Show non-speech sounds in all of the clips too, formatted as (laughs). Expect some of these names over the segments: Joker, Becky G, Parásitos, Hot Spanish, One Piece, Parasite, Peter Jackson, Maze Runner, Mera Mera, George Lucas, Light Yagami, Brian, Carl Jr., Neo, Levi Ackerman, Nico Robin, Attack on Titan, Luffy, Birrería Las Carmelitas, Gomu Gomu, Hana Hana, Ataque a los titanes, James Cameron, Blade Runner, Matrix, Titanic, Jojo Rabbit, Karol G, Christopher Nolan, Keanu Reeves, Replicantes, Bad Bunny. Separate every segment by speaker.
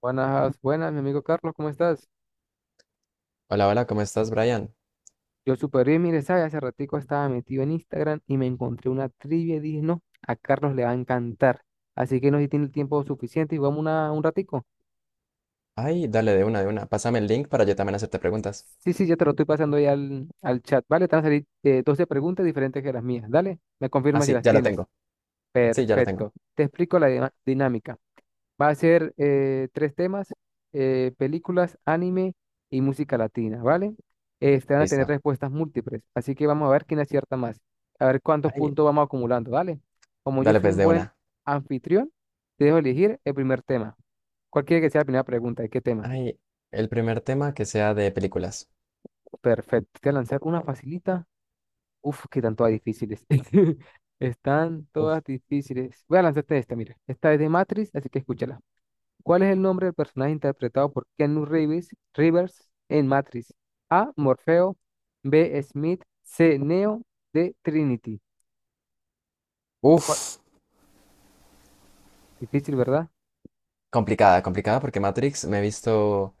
Speaker 1: Buenas, buenas, mi amigo Carlos, ¿cómo estás?
Speaker 2: Hola, hola, ¿cómo estás, Brian?
Speaker 1: Yo súper bien, mire, ¿sabes? Hace ratico estaba metido en Instagram y me encontré una trivia y dije, no, a Carlos le va a encantar. Así que no sé si tiene el tiempo suficiente y vamos un ratico.
Speaker 2: Ay, dale de una, de una. Pásame el link para yo también hacerte preguntas.
Speaker 1: Sí, sí, ya te lo estoy pasando ahí al chat, ¿vale? Te van a salir 12 preguntas diferentes que las mías. Dale, me
Speaker 2: Ah,
Speaker 1: confirma si
Speaker 2: sí,
Speaker 1: las
Speaker 2: ya lo
Speaker 1: tienes.
Speaker 2: tengo. Sí, ya lo tengo.
Speaker 1: Perfecto. Te explico la dinámica. Va a ser tres temas, películas, anime y música latina, ¿vale? Este, van a tener
Speaker 2: Listo.
Speaker 1: respuestas múltiples, así que vamos a ver quién acierta más, a ver cuántos
Speaker 2: Ay,
Speaker 1: puntos vamos acumulando, ¿vale? Como yo
Speaker 2: dale
Speaker 1: soy
Speaker 2: pues
Speaker 1: un
Speaker 2: de
Speaker 1: buen
Speaker 2: una.
Speaker 1: anfitrión, te dejo elegir el primer tema. Cualquiera que sea la primera pregunta, ¿de qué tema?
Speaker 2: Ay, el primer tema que sea de películas.
Speaker 1: Perfecto, te voy a lanzar una facilita. Uf, que están todas difíciles. (laughs) Están
Speaker 2: Uf.
Speaker 1: todas difíciles. Voy a lanzarte esta, mira. Esta es de Matrix, así que escúchala. ¿Cuál es el nombre del personaje interpretado por Keanu Reeves, Rivers en Matrix? A. Morfeo. B. Smith. C. Neo. D. Trinity. ¿Cuál?
Speaker 2: Uf,
Speaker 1: Difícil, ¿verdad?
Speaker 2: complicada, complicada porque Matrix me he visto,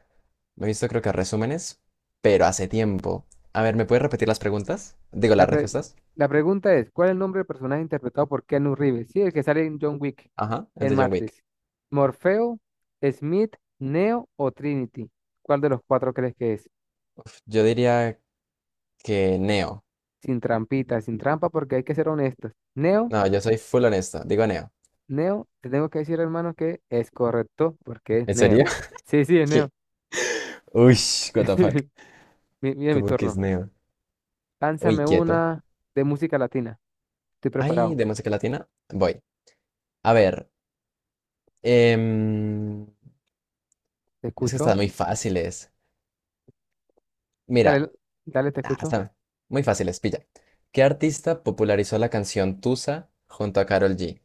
Speaker 2: me he visto creo que resúmenes, pero hace tiempo. A ver, ¿me puedes repetir las preguntas? Digo,
Speaker 1: La,
Speaker 2: las
Speaker 1: pre-
Speaker 2: respuestas.
Speaker 1: la pregunta es, ¿cuál es el nombre del personaje interpretado por Keanu Reeves? Sí, el que sale en John Wick
Speaker 2: Ajá, el
Speaker 1: en
Speaker 2: de John Wick.
Speaker 1: Matrix. ¿Morfeo, Smith, Neo o Trinity? ¿Cuál de los cuatro crees que es?
Speaker 2: Uf, yo diría que Neo.
Speaker 1: Sin trampita, sin trampa, porque hay que ser honestos. ¿Neo?
Speaker 2: No, yo soy full honesto. Digo Neo.
Speaker 1: Neo, te tengo que decir, hermano, que es correcto porque es
Speaker 2: ¿En serio?
Speaker 1: Neo. Sí,
Speaker 2: (laughs)
Speaker 1: sí, es
Speaker 2: Sí.
Speaker 1: Neo.
Speaker 2: Uy, what the fuck.
Speaker 1: (laughs) Mira mi
Speaker 2: Como que es
Speaker 1: turno.
Speaker 2: neo. Uy,
Speaker 1: Lánzame
Speaker 2: quieto.
Speaker 1: una de música latina. Estoy
Speaker 2: Ay,
Speaker 1: preparado.
Speaker 2: de música latina. Voy. A ver. em,
Speaker 1: Te
Speaker 2: es que están
Speaker 1: escucho.
Speaker 2: muy fáciles. Mira,
Speaker 1: Dale, dale, te escucho.
Speaker 2: están muy fáciles, pilla. ¿Qué artista popularizó la canción Tusa junto a Karol G?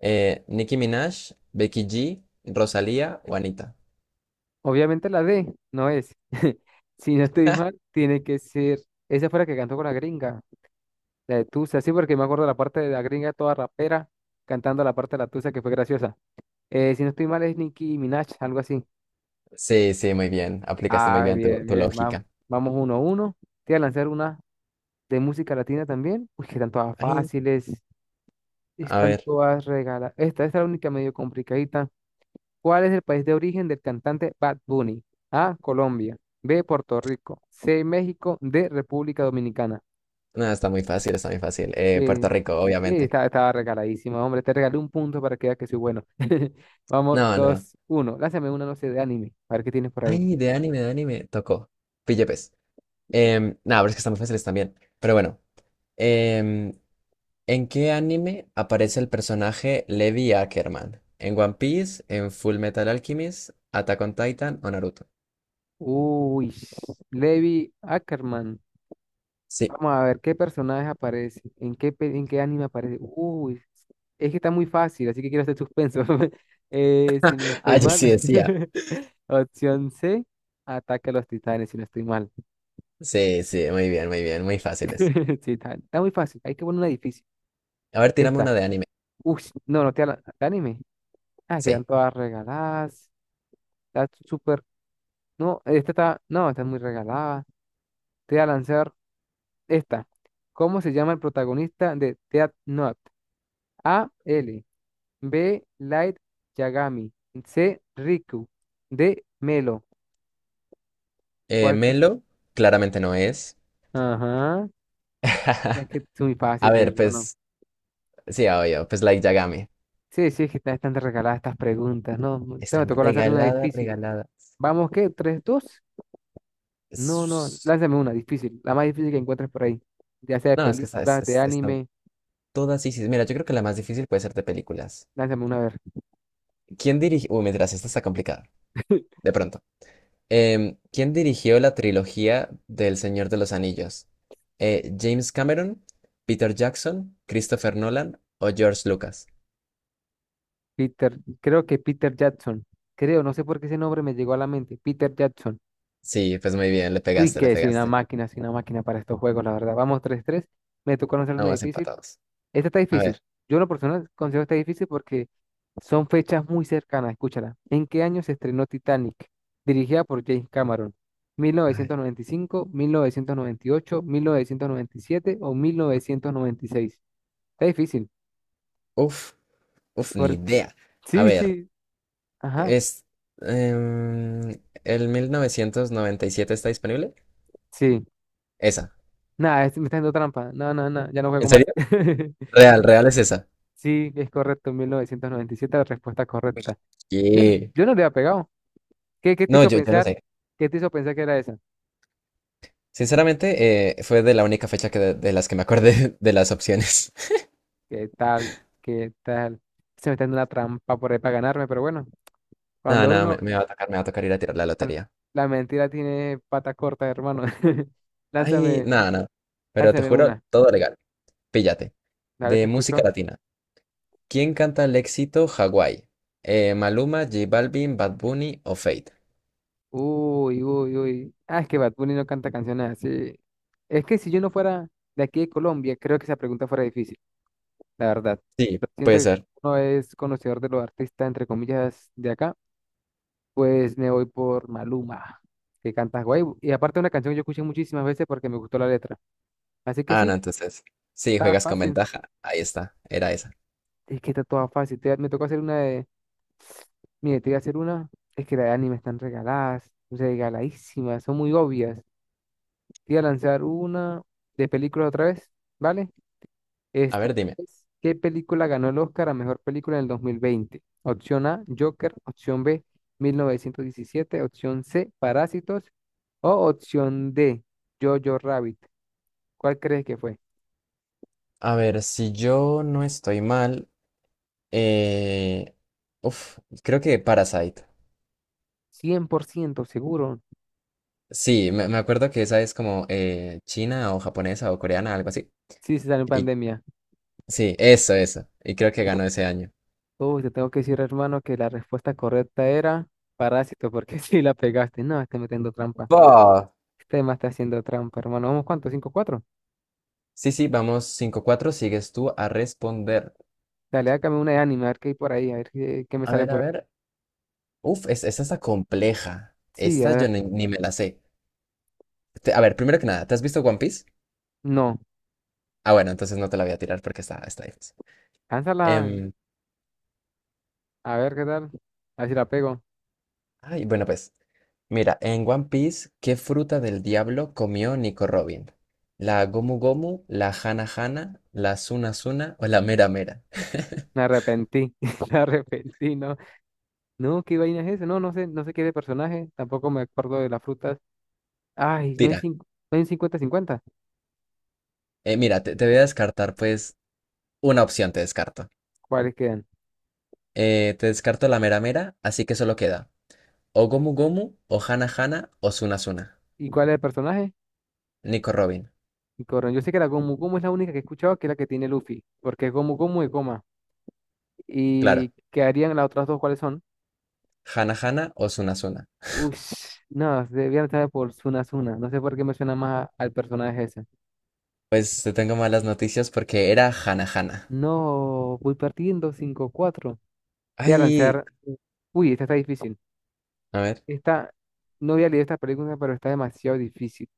Speaker 2: ¿Nicki Minaj, Becky G, Rosalía o Anita?
Speaker 1: Obviamente la D no es. (laughs) Si no estoy mal, tiene que ser. Esa fue la que cantó con la gringa. La de Tusa, sí, porque me acuerdo la parte de la gringa toda rapera cantando la parte de la Tusa que fue graciosa. Si no estoy mal, es Nicki Minaj, algo así.
Speaker 2: Sí, sí, muy bien. Aplicaste muy
Speaker 1: Ah,
Speaker 2: bien tu,
Speaker 1: bien,
Speaker 2: tu
Speaker 1: bien. Vamos,
Speaker 2: lógica.
Speaker 1: vamos uno a uno. Te voy a lanzar una de música latina también, uy, que están todas
Speaker 2: Ay,
Speaker 1: fáciles,
Speaker 2: a
Speaker 1: están
Speaker 2: ver.
Speaker 1: todas regaladas. Esta es la única medio complicadita. ¿Cuál es el país de origen del cantante Bad Bunny? A, Colombia, B, Puerto Rico, C, México, D, República Dominicana.
Speaker 2: No, está muy fácil, está muy fácil.
Speaker 1: Eh,
Speaker 2: Puerto Rico, obviamente.
Speaker 1: Estaba regaladísima, hombre, te regalé un punto para que veas que soy bueno. (laughs) Vamos,
Speaker 2: No, no.
Speaker 1: dos, uno. Lánzame una, no sé, de anime, a ver qué tienes por ahí.
Speaker 2: Ay, de anime, de anime. Tocó. Pille, pues. Nada, pero es que están muy fáciles también. Pero bueno, em, ¿en qué anime aparece el personaje Levi Ackerman? ¿En One Piece? ¿En Full Metal Alchemist? ¿Attack on Titan o Naruto?
Speaker 1: Uy, Levi Ackerman.
Speaker 2: Sí. (laughs)
Speaker 1: Vamos a ver qué personaje aparece, en qué anime aparece. Uy, es que está muy fácil, así que quiero hacer suspenso. (laughs) Si no
Speaker 2: Ah,
Speaker 1: estoy
Speaker 2: yo
Speaker 1: mal,
Speaker 2: sí decía.
Speaker 1: (laughs) opción C, ataque a los titanes, si no estoy mal.
Speaker 2: Sí, sí, muy bien, muy bien, muy fáciles.
Speaker 1: (laughs) Sí, está muy fácil, hay que poner una difícil.
Speaker 2: A ver, tirame
Speaker 1: Esta,
Speaker 2: una de anime.
Speaker 1: uy, no, no, de anime. Ah,
Speaker 2: Sí.
Speaker 1: quedan todas regaladas, está súper. No, esta está, no, está muy regalada. Te voy a lanzar esta. ¿Cómo se llama el protagonista de Death Note? A, L. B. Light Yagami. C. Riku. D. Melo. ¿Cuál cre-
Speaker 2: Melo, claramente no es.
Speaker 1: Ajá. Es que
Speaker 2: (laughs)
Speaker 1: son muy
Speaker 2: A
Speaker 1: fáciles,
Speaker 2: ver,
Speaker 1: hermano.
Speaker 2: pues, sí, obvio, pues Light Yagami.
Speaker 1: Sí, sí, es que están regaladas estas preguntas. No, no, te me
Speaker 2: Están
Speaker 1: tocó lanzarle una
Speaker 2: regalada,
Speaker 1: difícil.
Speaker 2: regalada.
Speaker 1: ¿Vamos qué? ¿Tres, dos? No, no.
Speaker 2: Es-
Speaker 1: Lánzame una difícil. La más difícil que encuentres por ahí. Ya sea de
Speaker 2: No, es que está,
Speaker 1: películas, de
Speaker 2: están
Speaker 1: anime.
Speaker 2: todas, sí, sí. Mira, yo creo que la más difícil puede ser de películas.
Speaker 1: Lánzame una a ver.
Speaker 2: ¿Quién dirigió? Uy, mientras esta está complicada.
Speaker 1: (laughs)
Speaker 2: De pronto. ¿Quién dirigió la trilogía del Señor de los Anillos? ¿James Cameron, Peter Jackson, Christopher Nolan o George Lucas?
Speaker 1: Peter, creo que Peter Jackson. Creo, no sé por qué ese nombre me llegó a la mente. Peter Jackson.
Speaker 2: Sí, pues muy bien, le
Speaker 1: Uy,
Speaker 2: pegaste, le
Speaker 1: que
Speaker 2: pegaste.
Speaker 1: soy una máquina para estos juegos, la verdad. Vamos 3-3. Me tocó lanzar una
Speaker 2: Vamos
Speaker 1: difícil.
Speaker 2: empatados.
Speaker 1: Esta está
Speaker 2: A
Speaker 1: difícil.
Speaker 2: ver.
Speaker 1: Yo en lo personal considero esta difícil porque son fechas muy cercanas. Escúchala. ¿En qué año se estrenó Titanic? Dirigida por James Cameron. Mil novecientos
Speaker 2: Ay,
Speaker 1: novecientos novecientos noventa y cinco ocho 1997 o 1996. Está difícil.
Speaker 2: uf, uf, ni
Speaker 1: Por...
Speaker 2: idea. A
Speaker 1: Sí,
Speaker 2: ver,
Speaker 1: sí. Ajá.
Speaker 2: es. em, ¿el 1997 está disponible?
Speaker 1: Sí.
Speaker 2: Esa.
Speaker 1: Nada, me está haciendo trampa. No, no, no. Ya no juego
Speaker 2: ¿En
Speaker 1: más.
Speaker 2: serio?
Speaker 1: (laughs)
Speaker 2: Real, real es esa.
Speaker 1: Sí, es correcto. 1997, la respuesta
Speaker 2: Pues,
Speaker 1: correcta. Yo, no,
Speaker 2: sí.
Speaker 1: yo no le había pegado. ¿Qué te
Speaker 2: No,
Speaker 1: hizo
Speaker 2: yo no
Speaker 1: pensar?
Speaker 2: sé.
Speaker 1: ¿Qué te hizo pensar que era esa?
Speaker 2: Sinceramente, fue de la única fecha que de las que me acordé (laughs) de las opciones. (laughs)
Speaker 1: ¿Qué tal? ¿Qué tal? Se me está dando una trampa por ahí para ganarme, pero bueno,
Speaker 2: Nada,
Speaker 1: cuando
Speaker 2: nada, me,
Speaker 1: uno,
Speaker 2: me va a tocar, me va a tocar ir a tirar la
Speaker 1: al-
Speaker 2: lotería.
Speaker 1: la mentira tiene pata corta, hermano. (laughs)
Speaker 2: Ay,
Speaker 1: Lánzame,
Speaker 2: nada, nada. Pero te
Speaker 1: lánzame
Speaker 2: juro,
Speaker 1: una.
Speaker 2: todo legal. Píllate.
Speaker 1: Dale, te
Speaker 2: De música
Speaker 1: escucho.
Speaker 2: latina. ¿Quién canta el éxito Hawái? Maluma, J Balvin, Bad Bunny o Fate.
Speaker 1: Uy, uy, uy. Ah, es que Bad Bunny no canta canciones así. Es que si yo no fuera de aquí de Colombia, creo que esa pregunta fuera difícil, la verdad.
Speaker 2: Sí,
Speaker 1: Pero siento
Speaker 2: puede
Speaker 1: que
Speaker 2: ser.
Speaker 1: uno es conocedor de los artistas, entre comillas, de acá. Pues me voy por Maluma, que canta guay. Y aparte una canción que yo escuché muchísimas veces porque me gustó la letra. Así que
Speaker 2: Ah, no,
Speaker 1: sí,
Speaker 2: entonces. Sí,
Speaker 1: está
Speaker 2: juegas con
Speaker 1: fácil.
Speaker 2: ventaja. Ahí está, era esa.
Speaker 1: Es que está toda fácil. Me tocó hacer una de... Mire, te voy a hacer una. Es que las de anime están regaladas, regaladísimas, son muy obvias. Te voy a lanzar una de película otra vez, ¿vale?
Speaker 2: A
Speaker 1: Esta
Speaker 2: ver, dime.
Speaker 1: vez, ¿qué película ganó el Oscar a mejor película en el 2020? Opción A, Joker. Opción B, 1917. Opción C, Parásitos. O opción D, Jojo Rabbit. ¿Cuál crees que fue?
Speaker 2: A ver, si yo no estoy mal. Eh, uf, Creo que Parasite.
Speaker 1: 100% seguro.
Speaker 2: Sí, me acuerdo que esa es como china o japonesa o coreana, algo así.
Speaker 1: Sí, se salió en
Speaker 2: Y,
Speaker 1: pandemia.
Speaker 2: sí, eso, eso. Y creo que ganó ese año.
Speaker 1: Uy, te tengo que decir, hermano, que la respuesta correcta era Parásito, porque (laughs) sí la pegaste. No, está metiendo trampa.
Speaker 2: Va.
Speaker 1: Este más está haciendo trampa, hermano. ¿Vamos cuánto? 5-4.
Speaker 2: Sí, sí, vamos 5-4. Sigues tú a responder.
Speaker 1: Dale, hágame una de anime, a ver qué hay por ahí, a ver qué me
Speaker 2: A
Speaker 1: sale
Speaker 2: ver, a
Speaker 1: por ahí.
Speaker 2: ver. Uf, esta está compleja.
Speaker 1: Sí, a
Speaker 2: Esta yo
Speaker 1: ver.
Speaker 2: ni me la sé. A ver, primero que nada, ¿te has visto One Piece?
Speaker 1: No.
Speaker 2: Ah, bueno, entonces no te la voy a tirar porque está difícil.
Speaker 1: Lánzala,
Speaker 2: Em,
Speaker 1: a ver qué tal. A ver si la pego.
Speaker 2: Ay, bueno, pues, mira, en One Piece, ¿qué fruta del diablo comió Nico Robin? ¿La Gomu Gomu, la Hana Hana, la Suna Suna o la Mera Mera?
Speaker 1: Me arrepentí, (laughs) me arrepentí, no. No, qué vaina es eso. No, no sé, no sé qué de personaje. Tampoco me acuerdo de las frutas. Ay,
Speaker 2: Tira,
Speaker 1: no hay 50-50.
Speaker 2: mira, te voy a descartar, pues, una opción te descarto.
Speaker 1: ¿Cuáles quedan?
Speaker 2: Te descarto la Mera Mera, así que solo queda o Gomu Gomu, o Hana Hana, o Suna Suna.
Speaker 1: ¿Y cuál es el personaje?
Speaker 2: Nico Robin,
Speaker 1: Y Corran. Yo sé que la Gomu Gomu es la única que he escuchado que es la que tiene Luffy. Porque es Gomu Gomu y Goma. ¿Y
Speaker 2: claro,
Speaker 1: qué harían las otras dos? ¿Cuáles son?
Speaker 2: Hana Hana o Suna Suna.
Speaker 1: Ush, (sniffs) no, debían estar por Suna Suna. No sé por qué me suena más al personaje ese.
Speaker 2: Pues te tengo malas noticias porque era Hana Hana.
Speaker 1: No, voy partiendo 5-4. Te voy a
Speaker 2: Ay,
Speaker 1: lanzar. Uy, esta está difícil.
Speaker 2: a ver,
Speaker 1: Esta, no había leído esta pregunta, pero está demasiado difícil.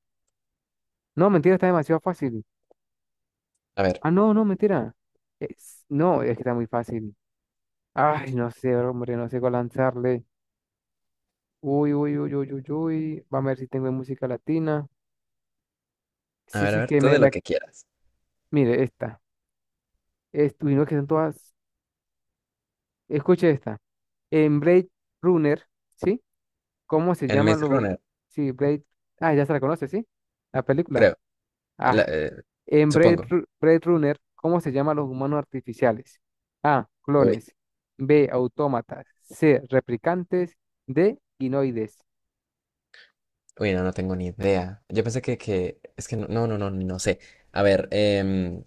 Speaker 1: No, mentira, está demasiado fácil.
Speaker 2: a ver,
Speaker 1: Ah, no, no, mentira. No, es que está muy fácil. Ay, no sé, hombre, no sé cuál lanzarle. Uy, uy, uy, uy, uy, uy. Vamos a ver si tengo música latina.
Speaker 2: a
Speaker 1: Sí,
Speaker 2: ver, a
Speaker 1: sí,
Speaker 2: ver, tú de lo que quieras.
Speaker 1: Mire, esta. Uy, no, que son todas... Escuche esta. En Blade Runner, ¿sí? ¿Cómo se
Speaker 2: En
Speaker 1: llaman
Speaker 2: Maze
Speaker 1: los...
Speaker 2: Runner,
Speaker 1: Sí, Blade... Ah, ya se la conoce, ¿sí? La película.
Speaker 2: creo. La-
Speaker 1: Ah,
Speaker 2: eh,
Speaker 1: en Blade,
Speaker 2: Supongo.
Speaker 1: Ru- Blade Runner, ¿cómo se llaman los humanos artificiales? A.
Speaker 2: Uy,
Speaker 1: Clones. B. Autómatas. C. Replicantes. D. Ginoides.
Speaker 2: uy, no, no tengo ni idea. Yo pensé que, es que no, no, no, no, no sé. A ver, em,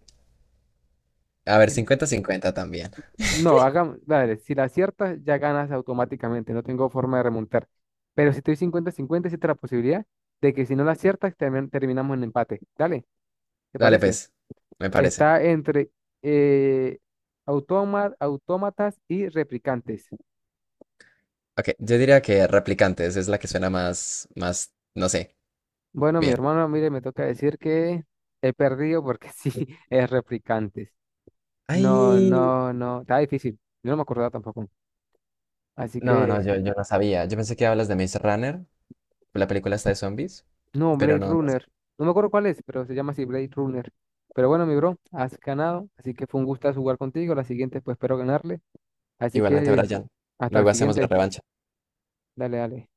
Speaker 2: a ver,
Speaker 1: Si-
Speaker 2: 50-50 también.
Speaker 1: no, hagamos, dale, si la aciertas, ya ganas automáticamente. No tengo forma de remontar. Pero si estoy cincuenta-cincuenta, existe la posibilidad de que si no la aciertas, terminamos en empate. Dale, ¿te
Speaker 2: Dale,
Speaker 1: parece?
Speaker 2: pues, me parece.
Speaker 1: Está entre eh, autómatas y replicantes.
Speaker 2: Ok, yo diría que Replicantes es la que suena más, más, no sé,
Speaker 1: Bueno, mi
Speaker 2: bien.
Speaker 1: hermano, mire, me toca decir que he perdido porque (laughs) sí, es replicantes. No,
Speaker 2: Ay,
Speaker 1: no, no, está difícil. Yo no me acordaba tampoco. Así
Speaker 2: no, no,
Speaker 1: que,
Speaker 2: yo no sabía. Yo pensé que hablas de Maze Runner, la película está de zombies,
Speaker 1: no,
Speaker 2: pero
Speaker 1: Blade
Speaker 2: no, no
Speaker 1: Runner.
Speaker 2: sé.
Speaker 1: No me acuerdo cuál es, pero se llama así Blade Runner. Pero bueno, mi bro, has ganado. Así que fue un gusto jugar contigo. La siguiente, pues espero ganarle. Así
Speaker 2: Igualmente,
Speaker 1: que,
Speaker 2: Brian,
Speaker 1: hasta la
Speaker 2: luego hacemos la
Speaker 1: siguiente.
Speaker 2: revancha.
Speaker 1: Dale, dale.